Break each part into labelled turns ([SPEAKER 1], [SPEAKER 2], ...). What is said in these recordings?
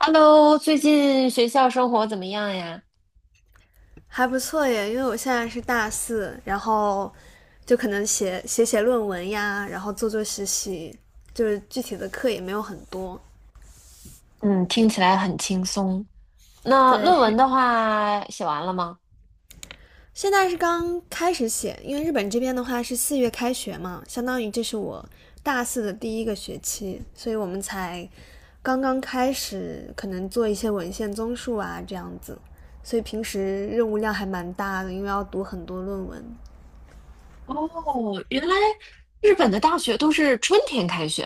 [SPEAKER 1] Hello，最近学校生活怎么样呀？
[SPEAKER 2] 还不错耶，因为我现在是大四，然后就可能写写论文呀，然后做做实习，就是具体的课也没有很多。
[SPEAKER 1] 嗯，听起来很轻松。那论文
[SPEAKER 2] 对，
[SPEAKER 1] 的话，写完了吗？
[SPEAKER 2] 现在是刚开始写，因为日本这边的话是4月开学嘛，相当于这是我大四的第一个学期，所以我们才刚刚开始，可能做一些文献综述啊这样子，所以平时任务量还蛮大的，因为要读很多论文。
[SPEAKER 1] 哦，原来日本的大学都是春天开学。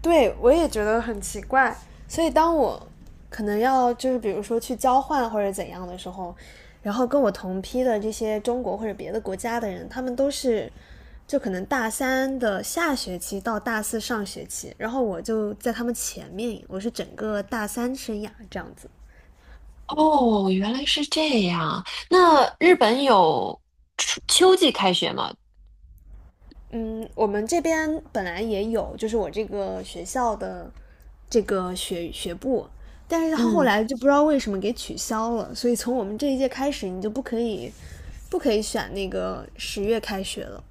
[SPEAKER 2] 对我也觉得很奇怪。所以当我可能要就是比如说去交换或者怎样的时候，然后跟我同批的这些中国或者别的国家的人，他们都是就可能大三的下学期到大四上学期，然后我就在他们前面，我是整个大三生涯这样子。
[SPEAKER 1] 哦，原来是这样。那日本有春秋季开学吗？
[SPEAKER 2] 嗯，我们这边本来也有，就是我这个学校的这个学部，但是他后
[SPEAKER 1] 嗯，
[SPEAKER 2] 来就不知道为什么给取消了，所以从我们这一届开始，你就不可以选那个10月开学了，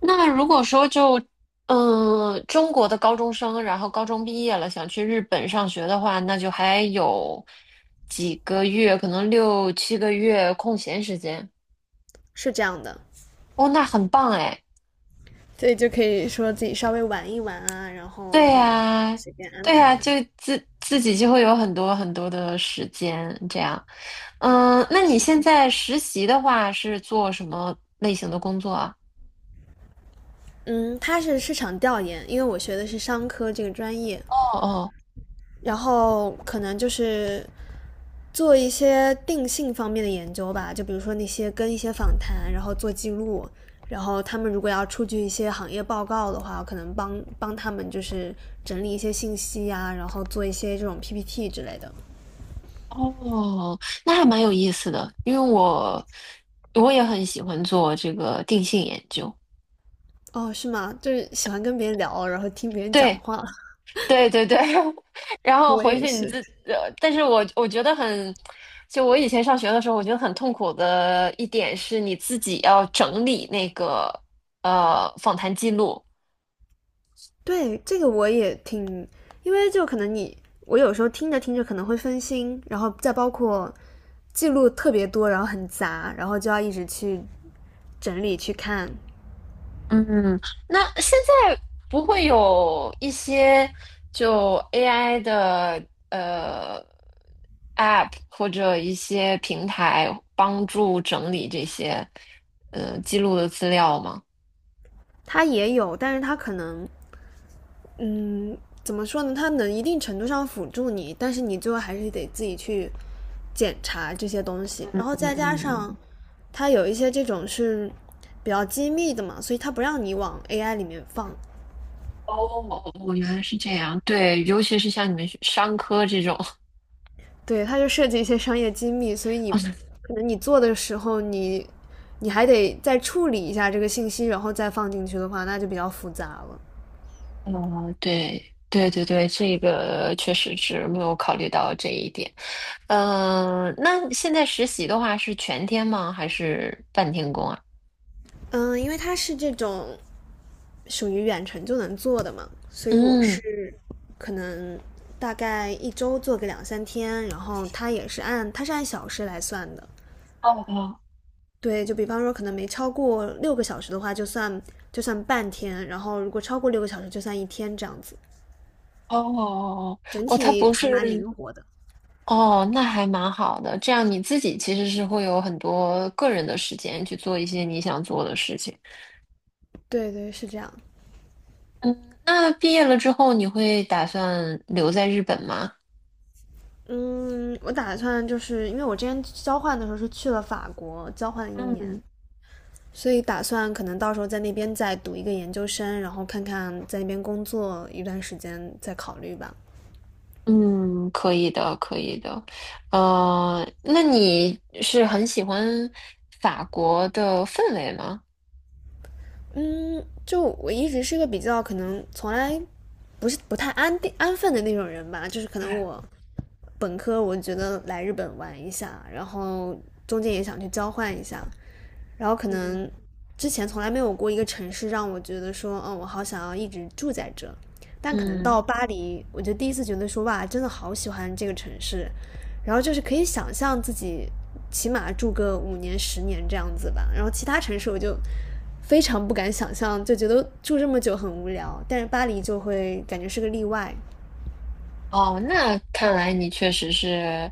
[SPEAKER 1] 那如果说就，嗯、中国的高中生，然后高中毕业了，想去日本上学的话，那就还有几个月，可能六七个月空闲时间。
[SPEAKER 2] 是这样的，
[SPEAKER 1] 哦，那很棒哎！
[SPEAKER 2] 所以就可以说自己稍微玩一玩啊，然后
[SPEAKER 1] 对
[SPEAKER 2] 可能
[SPEAKER 1] 呀，
[SPEAKER 2] 随便安
[SPEAKER 1] 对
[SPEAKER 2] 排
[SPEAKER 1] 呀，
[SPEAKER 2] 一
[SPEAKER 1] 就
[SPEAKER 2] 下。
[SPEAKER 1] 自己就会有很多很多的时间这样。嗯，那你
[SPEAKER 2] 是
[SPEAKER 1] 现
[SPEAKER 2] 的，
[SPEAKER 1] 在实习的话是做什么类型的工作啊？
[SPEAKER 2] 嗯，他是市场调研，因为我学的是商科这个专业，
[SPEAKER 1] 哦哦
[SPEAKER 2] 然后可能就是做一些定性方面的研究吧，就比如说那些跟一些访谈，然后做记录，然后他们如果要出具一些行业报告的话，可能帮帮他们就是整理一些信息呀、然后做一些这种 PPT 之类的。
[SPEAKER 1] 哦，那还蛮有意思的，因为我也很喜欢做这个定性研究。
[SPEAKER 2] 哦，是吗？就是喜欢跟别人聊，然后听别人讲
[SPEAKER 1] 对。
[SPEAKER 2] 话，
[SPEAKER 1] 对对对，然 后
[SPEAKER 2] 我
[SPEAKER 1] 回
[SPEAKER 2] 也
[SPEAKER 1] 去你
[SPEAKER 2] 是。
[SPEAKER 1] 自，但是我我觉得很，就我以前上学的时候，我觉得很痛苦的一点是你自己要整理那个访谈记录。
[SPEAKER 2] 对，这个我也挺，因为就可能你，我有时候听着听着可能会分心，然后再包括记录特别多，然后很杂，然后就要一直去整理去看。
[SPEAKER 1] 嗯，那现在不会有一些就 AI 的 App 或者一些平台帮助整理这些记录的资料吗？
[SPEAKER 2] 它也有，但是它可能，嗯，怎么说呢？它能一定程度上辅助你，但是你最后还是得自己去检查这些东西。
[SPEAKER 1] 嗯
[SPEAKER 2] 然后再加上
[SPEAKER 1] 嗯。
[SPEAKER 2] 它有一些这种是比较机密的嘛，所以它不让你往 AI 里面放，
[SPEAKER 1] 哦，哦原来是这样。对，尤其是像你们学商科这种，
[SPEAKER 2] 对，它就涉及一些商业机密，所以你 可能你做的时候你，你还得再处理一下这个信息，然后再放进去的话，那就比较复杂了。
[SPEAKER 1] 对，对对对，这个确实是没有考虑到这一点。那现在实习的话是全天吗？还是半天工啊？
[SPEAKER 2] 嗯，因为它是这种属于远程就能做的嘛，所以我是
[SPEAKER 1] 嗯，
[SPEAKER 2] 可能大概一周做个两三天，然后它也是按它是按小时来算的。
[SPEAKER 1] 哦哦
[SPEAKER 2] 对，就比方说可能没超过六个小时的话，就算就算半天，然后如果超过六个小时，就算一天这样子，
[SPEAKER 1] 哦哦哦
[SPEAKER 2] 整
[SPEAKER 1] 哦，他
[SPEAKER 2] 体
[SPEAKER 1] 不
[SPEAKER 2] 还蛮
[SPEAKER 1] 是
[SPEAKER 2] 灵活的。
[SPEAKER 1] 哦，那还蛮好的。这样你自己其实是会有很多个人的时间去做一些你想做的事情。
[SPEAKER 2] 对对，是这样。
[SPEAKER 1] 嗯，那毕业了之后，你会打算留在日本吗？
[SPEAKER 2] 嗯，我打算就是因为我之前交换的时候是去了法国交换了1年，
[SPEAKER 1] 嗯
[SPEAKER 2] 所以打算可能到时候在那边再读一个研究生，然后看看在那边工作一段时间再考虑吧。
[SPEAKER 1] 嗯，可以的，可以的。那你是很喜欢法国的氛围吗？
[SPEAKER 2] 嗯，就我一直是个比较可能从来不太安定安分的那种人吧，就是可能我本科我觉得来日本玩一下，然后中间也想去交换一下，然后可
[SPEAKER 1] 嗯
[SPEAKER 2] 能之前从来没有过一个城市让我觉得说，嗯，我好想要一直住在这。但可能
[SPEAKER 1] 嗯，
[SPEAKER 2] 到巴黎，我就第一次觉得说，哇，真的好喜欢这个城市。然后就是可以想象自己起码住个5年、10年这样子吧。然后其他城市我就非常不敢想象，就觉得住这么久很无聊。但是巴黎就会感觉是个例外，
[SPEAKER 1] 哦，那看来你确实是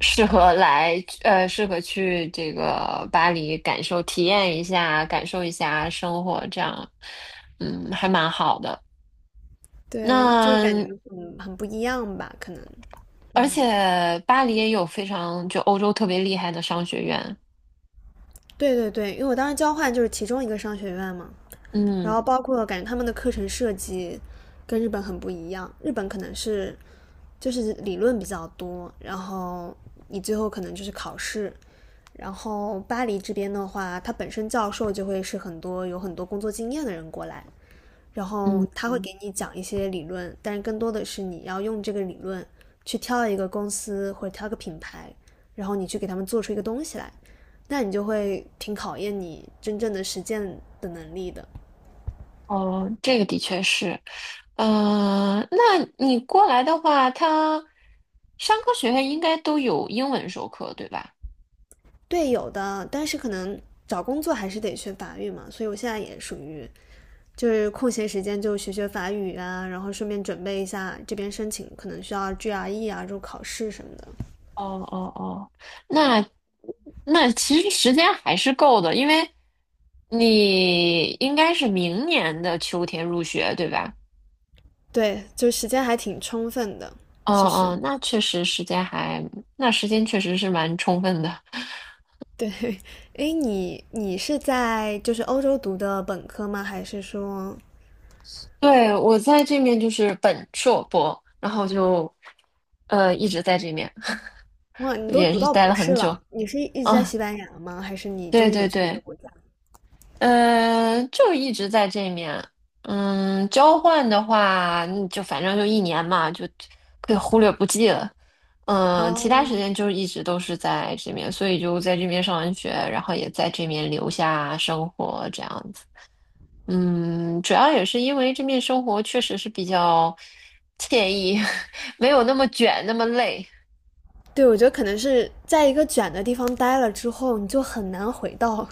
[SPEAKER 1] 适合来，适合去这个巴黎感受、体验一下，感受一下生活，这样，嗯，还蛮好的。
[SPEAKER 2] 对，就是感觉
[SPEAKER 1] 那
[SPEAKER 2] 很不一样吧，可能。
[SPEAKER 1] 而
[SPEAKER 2] 嗯，
[SPEAKER 1] 且巴黎也有非常就欧洲特别厉害的商学院，
[SPEAKER 2] 对对对，因为我当时交换就是其中一个商学院嘛，然
[SPEAKER 1] 嗯
[SPEAKER 2] 后包括感觉他们的课程设计跟日本很不一样，日本可能是就是理论比较多，然后你最后可能就是考试。然后巴黎这边的话，他本身教授就会是很多有很多工作经验的人过来，然后
[SPEAKER 1] 嗯。
[SPEAKER 2] 他会给你讲一些理论，但是更多的是你要用这个理论去挑一个公司或者挑个品牌，然后你去给他们做出一个东西来，那你就会挺考验你真正的实践的能力的。
[SPEAKER 1] 哦，这个的确是，那你过来的话，他商科学院应该都有英文授课，对吧？
[SPEAKER 2] 对，有的，但是可能找工作还是得学法语嘛，所以我现在也属于就是空闲时间就学学法语啊，然后顺便准备一下这边申请可能需要 GRE 啊这种考试什么的。
[SPEAKER 1] 哦哦哦，那那其实时间还是够的，因为你应该是明年的秋天入学，对吧？
[SPEAKER 2] 对，就时间还挺充分的，
[SPEAKER 1] 哦
[SPEAKER 2] 其实。
[SPEAKER 1] 哦，那确实时间还，那时间确实是蛮充分的。
[SPEAKER 2] 对，哎，你是在就是欧洲读的本科吗？还是说，
[SPEAKER 1] 对，我在这面就是本硕博，然后就一直在这面，
[SPEAKER 2] 哇，你都
[SPEAKER 1] 也
[SPEAKER 2] 读
[SPEAKER 1] 是
[SPEAKER 2] 到
[SPEAKER 1] 待
[SPEAKER 2] 博
[SPEAKER 1] 了
[SPEAKER 2] 士
[SPEAKER 1] 很久。
[SPEAKER 2] 了？你是一直在
[SPEAKER 1] 啊，
[SPEAKER 2] 西班牙吗？还是你中
[SPEAKER 1] 对
[SPEAKER 2] 间有
[SPEAKER 1] 对
[SPEAKER 2] 去别的
[SPEAKER 1] 对，
[SPEAKER 2] 国家？
[SPEAKER 1] 嗯，就一直在这面。嗯，交换的话，嗯就反正就一年嘛，就可以忽略不计了。嗯，其他时
[SPEAKER 2] 哦，
[SPEAKER 1] 间就一直都是在这面，所以就在这边上完学，然后也在这面留下生活这样子。嗯，主要也是因为这面生活确实是比较惬意，没有那么卷，那么累。
[SPEAKER 2] 对，我觉得可能是在一个卷的地方待了之后，你就很难回到，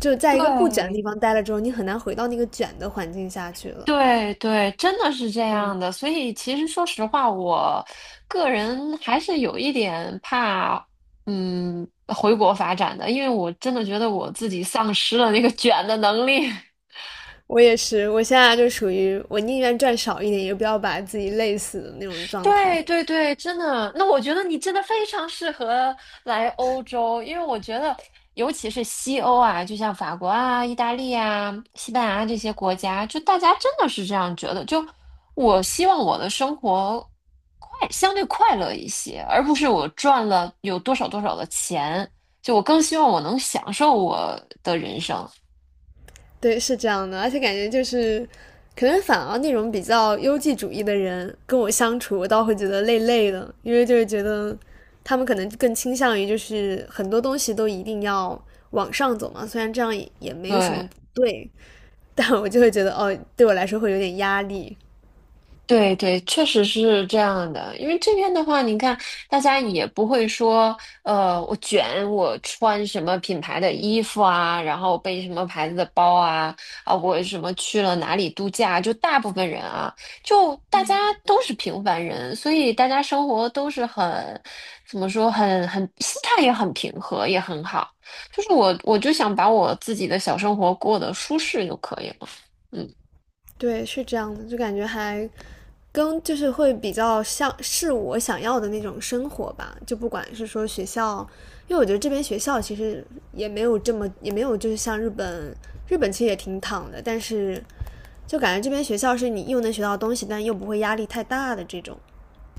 [SPEAKER 2] 就在一个不卷的
[SPEAKER 1] 对，
[SPEAKER 2] 地方待了之后，你很难回到那个卷的环境下去了。
[SPEAKER 1] 对对，真的是这样的。所以其实说实话，我个人还是有一点怕，嗯，回国发展的，因为我真的觉得我自己丧失了那个卷的能力。
[SPEAKER 2] 我也是，我现在就属于我宁愿赚少一点，也不要把自己累死的那种状态。
[SPEAKER 1] 对对对，真的。那我觉得你真的非常适合来欧洲，因为我觉得，尤其是西欧啊，就像法国啊、意大利啊、西班牙这些国家，就大家真的是这样觉得。就我希望我的生活快，相对快乐一些，而不是我赚了有多少多少的钱。就我更希望我能享受我的人生。
[SPEAKER 2] 对，是这样的，而且感觉就是，可能反而那种比较优绩主义的人跟我相处，我倒会觉得累累的，因为就是觉得他们可能更倾向于就是很多东西都一定要往上走嘛，虽然这样也没有什
[SPEAKER 1] 对，
[SPEAKER 2] 么不对，但我就会觉得哦，对我来说会有点压力。
[SPEAKER 1] 对对，确实是这样的。因为这边的话，你看，大家也不会说，我卷，我穿什么品牌的衣服啊，然后背什么牌子的包啊，啊，我什么去了哪里度假，就大部分人啊，就大家都是平凡人，所以大家生活都是很，怎么说，很心态也很平和，也很好。就是我，我就想把我自己的小生活过得舒适就可以了。嗯。
[SPEAKER 2] 对，是这样的，就感觉还跟就是会比较像是我想要的那种生活吧，就不管是说学校，因为我觉得这边学校其实也没有这么也没有就是像日本，日本其实也挺躺的，但是就感觉这边学校是你又能学到东西，但又不会压力太大的这种，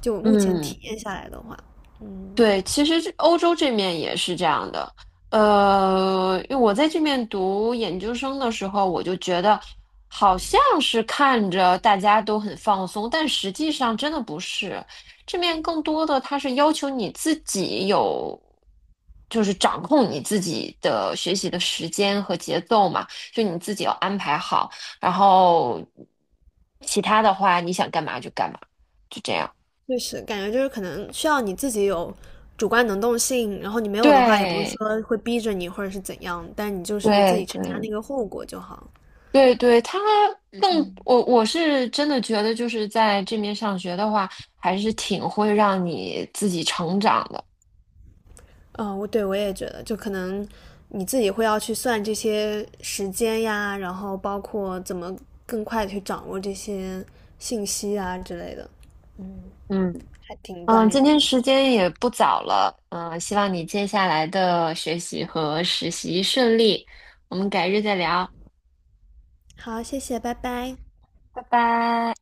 [SPEAKER 2] 就我目前
[SPEAKER 1] 嗯。
[SPEAKER 2] 体验下来的话，嗯。
[SPEAKER 1] 对，其实这欧洲这面也是这样的。因为我在这面读研究生的时候，我就觉得好像是看着大家都很放松，但实际上真的不是。这面更多的它是要求你自己有，就是掌控你自己的学习的时间和节奏嘛，就你自己要安排好，然后其他的话你想干嘛就干嘛，就这样。
[SPEAKER 2] 确实，感觉就是可能需要你自己有主观能动性，然后你没有的话，也不是
[SPEAKER 1] 对
[SPEAKER 2] 说会逼着你或者是怎样，但你就是自
[SPEAKER 1] 对
[SPEAKER 2] 己承担那
[SPEAKER 1] 对。
[SPEAKER 2] 个后果就好。
[SPEAKER 1] 对对，他更我是真的觉得，就是在这边上学的话，还是挺会让你自己成长的。
[SPEAKER 2] 嗯，我对我也觉得，就可能你自己会要去算这些时间呀，然后包括怎么更快地去掌握这些信息啊之类的，
[SPEAKER 1] 嗯，
[SPEAKER 2] 还挺锻
[SPEAKER 1] 嗯，今
[SPEAKER 2] 炼人
[SPEAKER 1] 天
[SPEAKER 2] 的。
[SPEAKER 1] 时间也不早了，嗯，希望你接下来的学习和实习顺利，我们改日再聊，
[SPEAKER 2] 好，谢谢，拜拜。
[SPEAKER 1] 拜拜。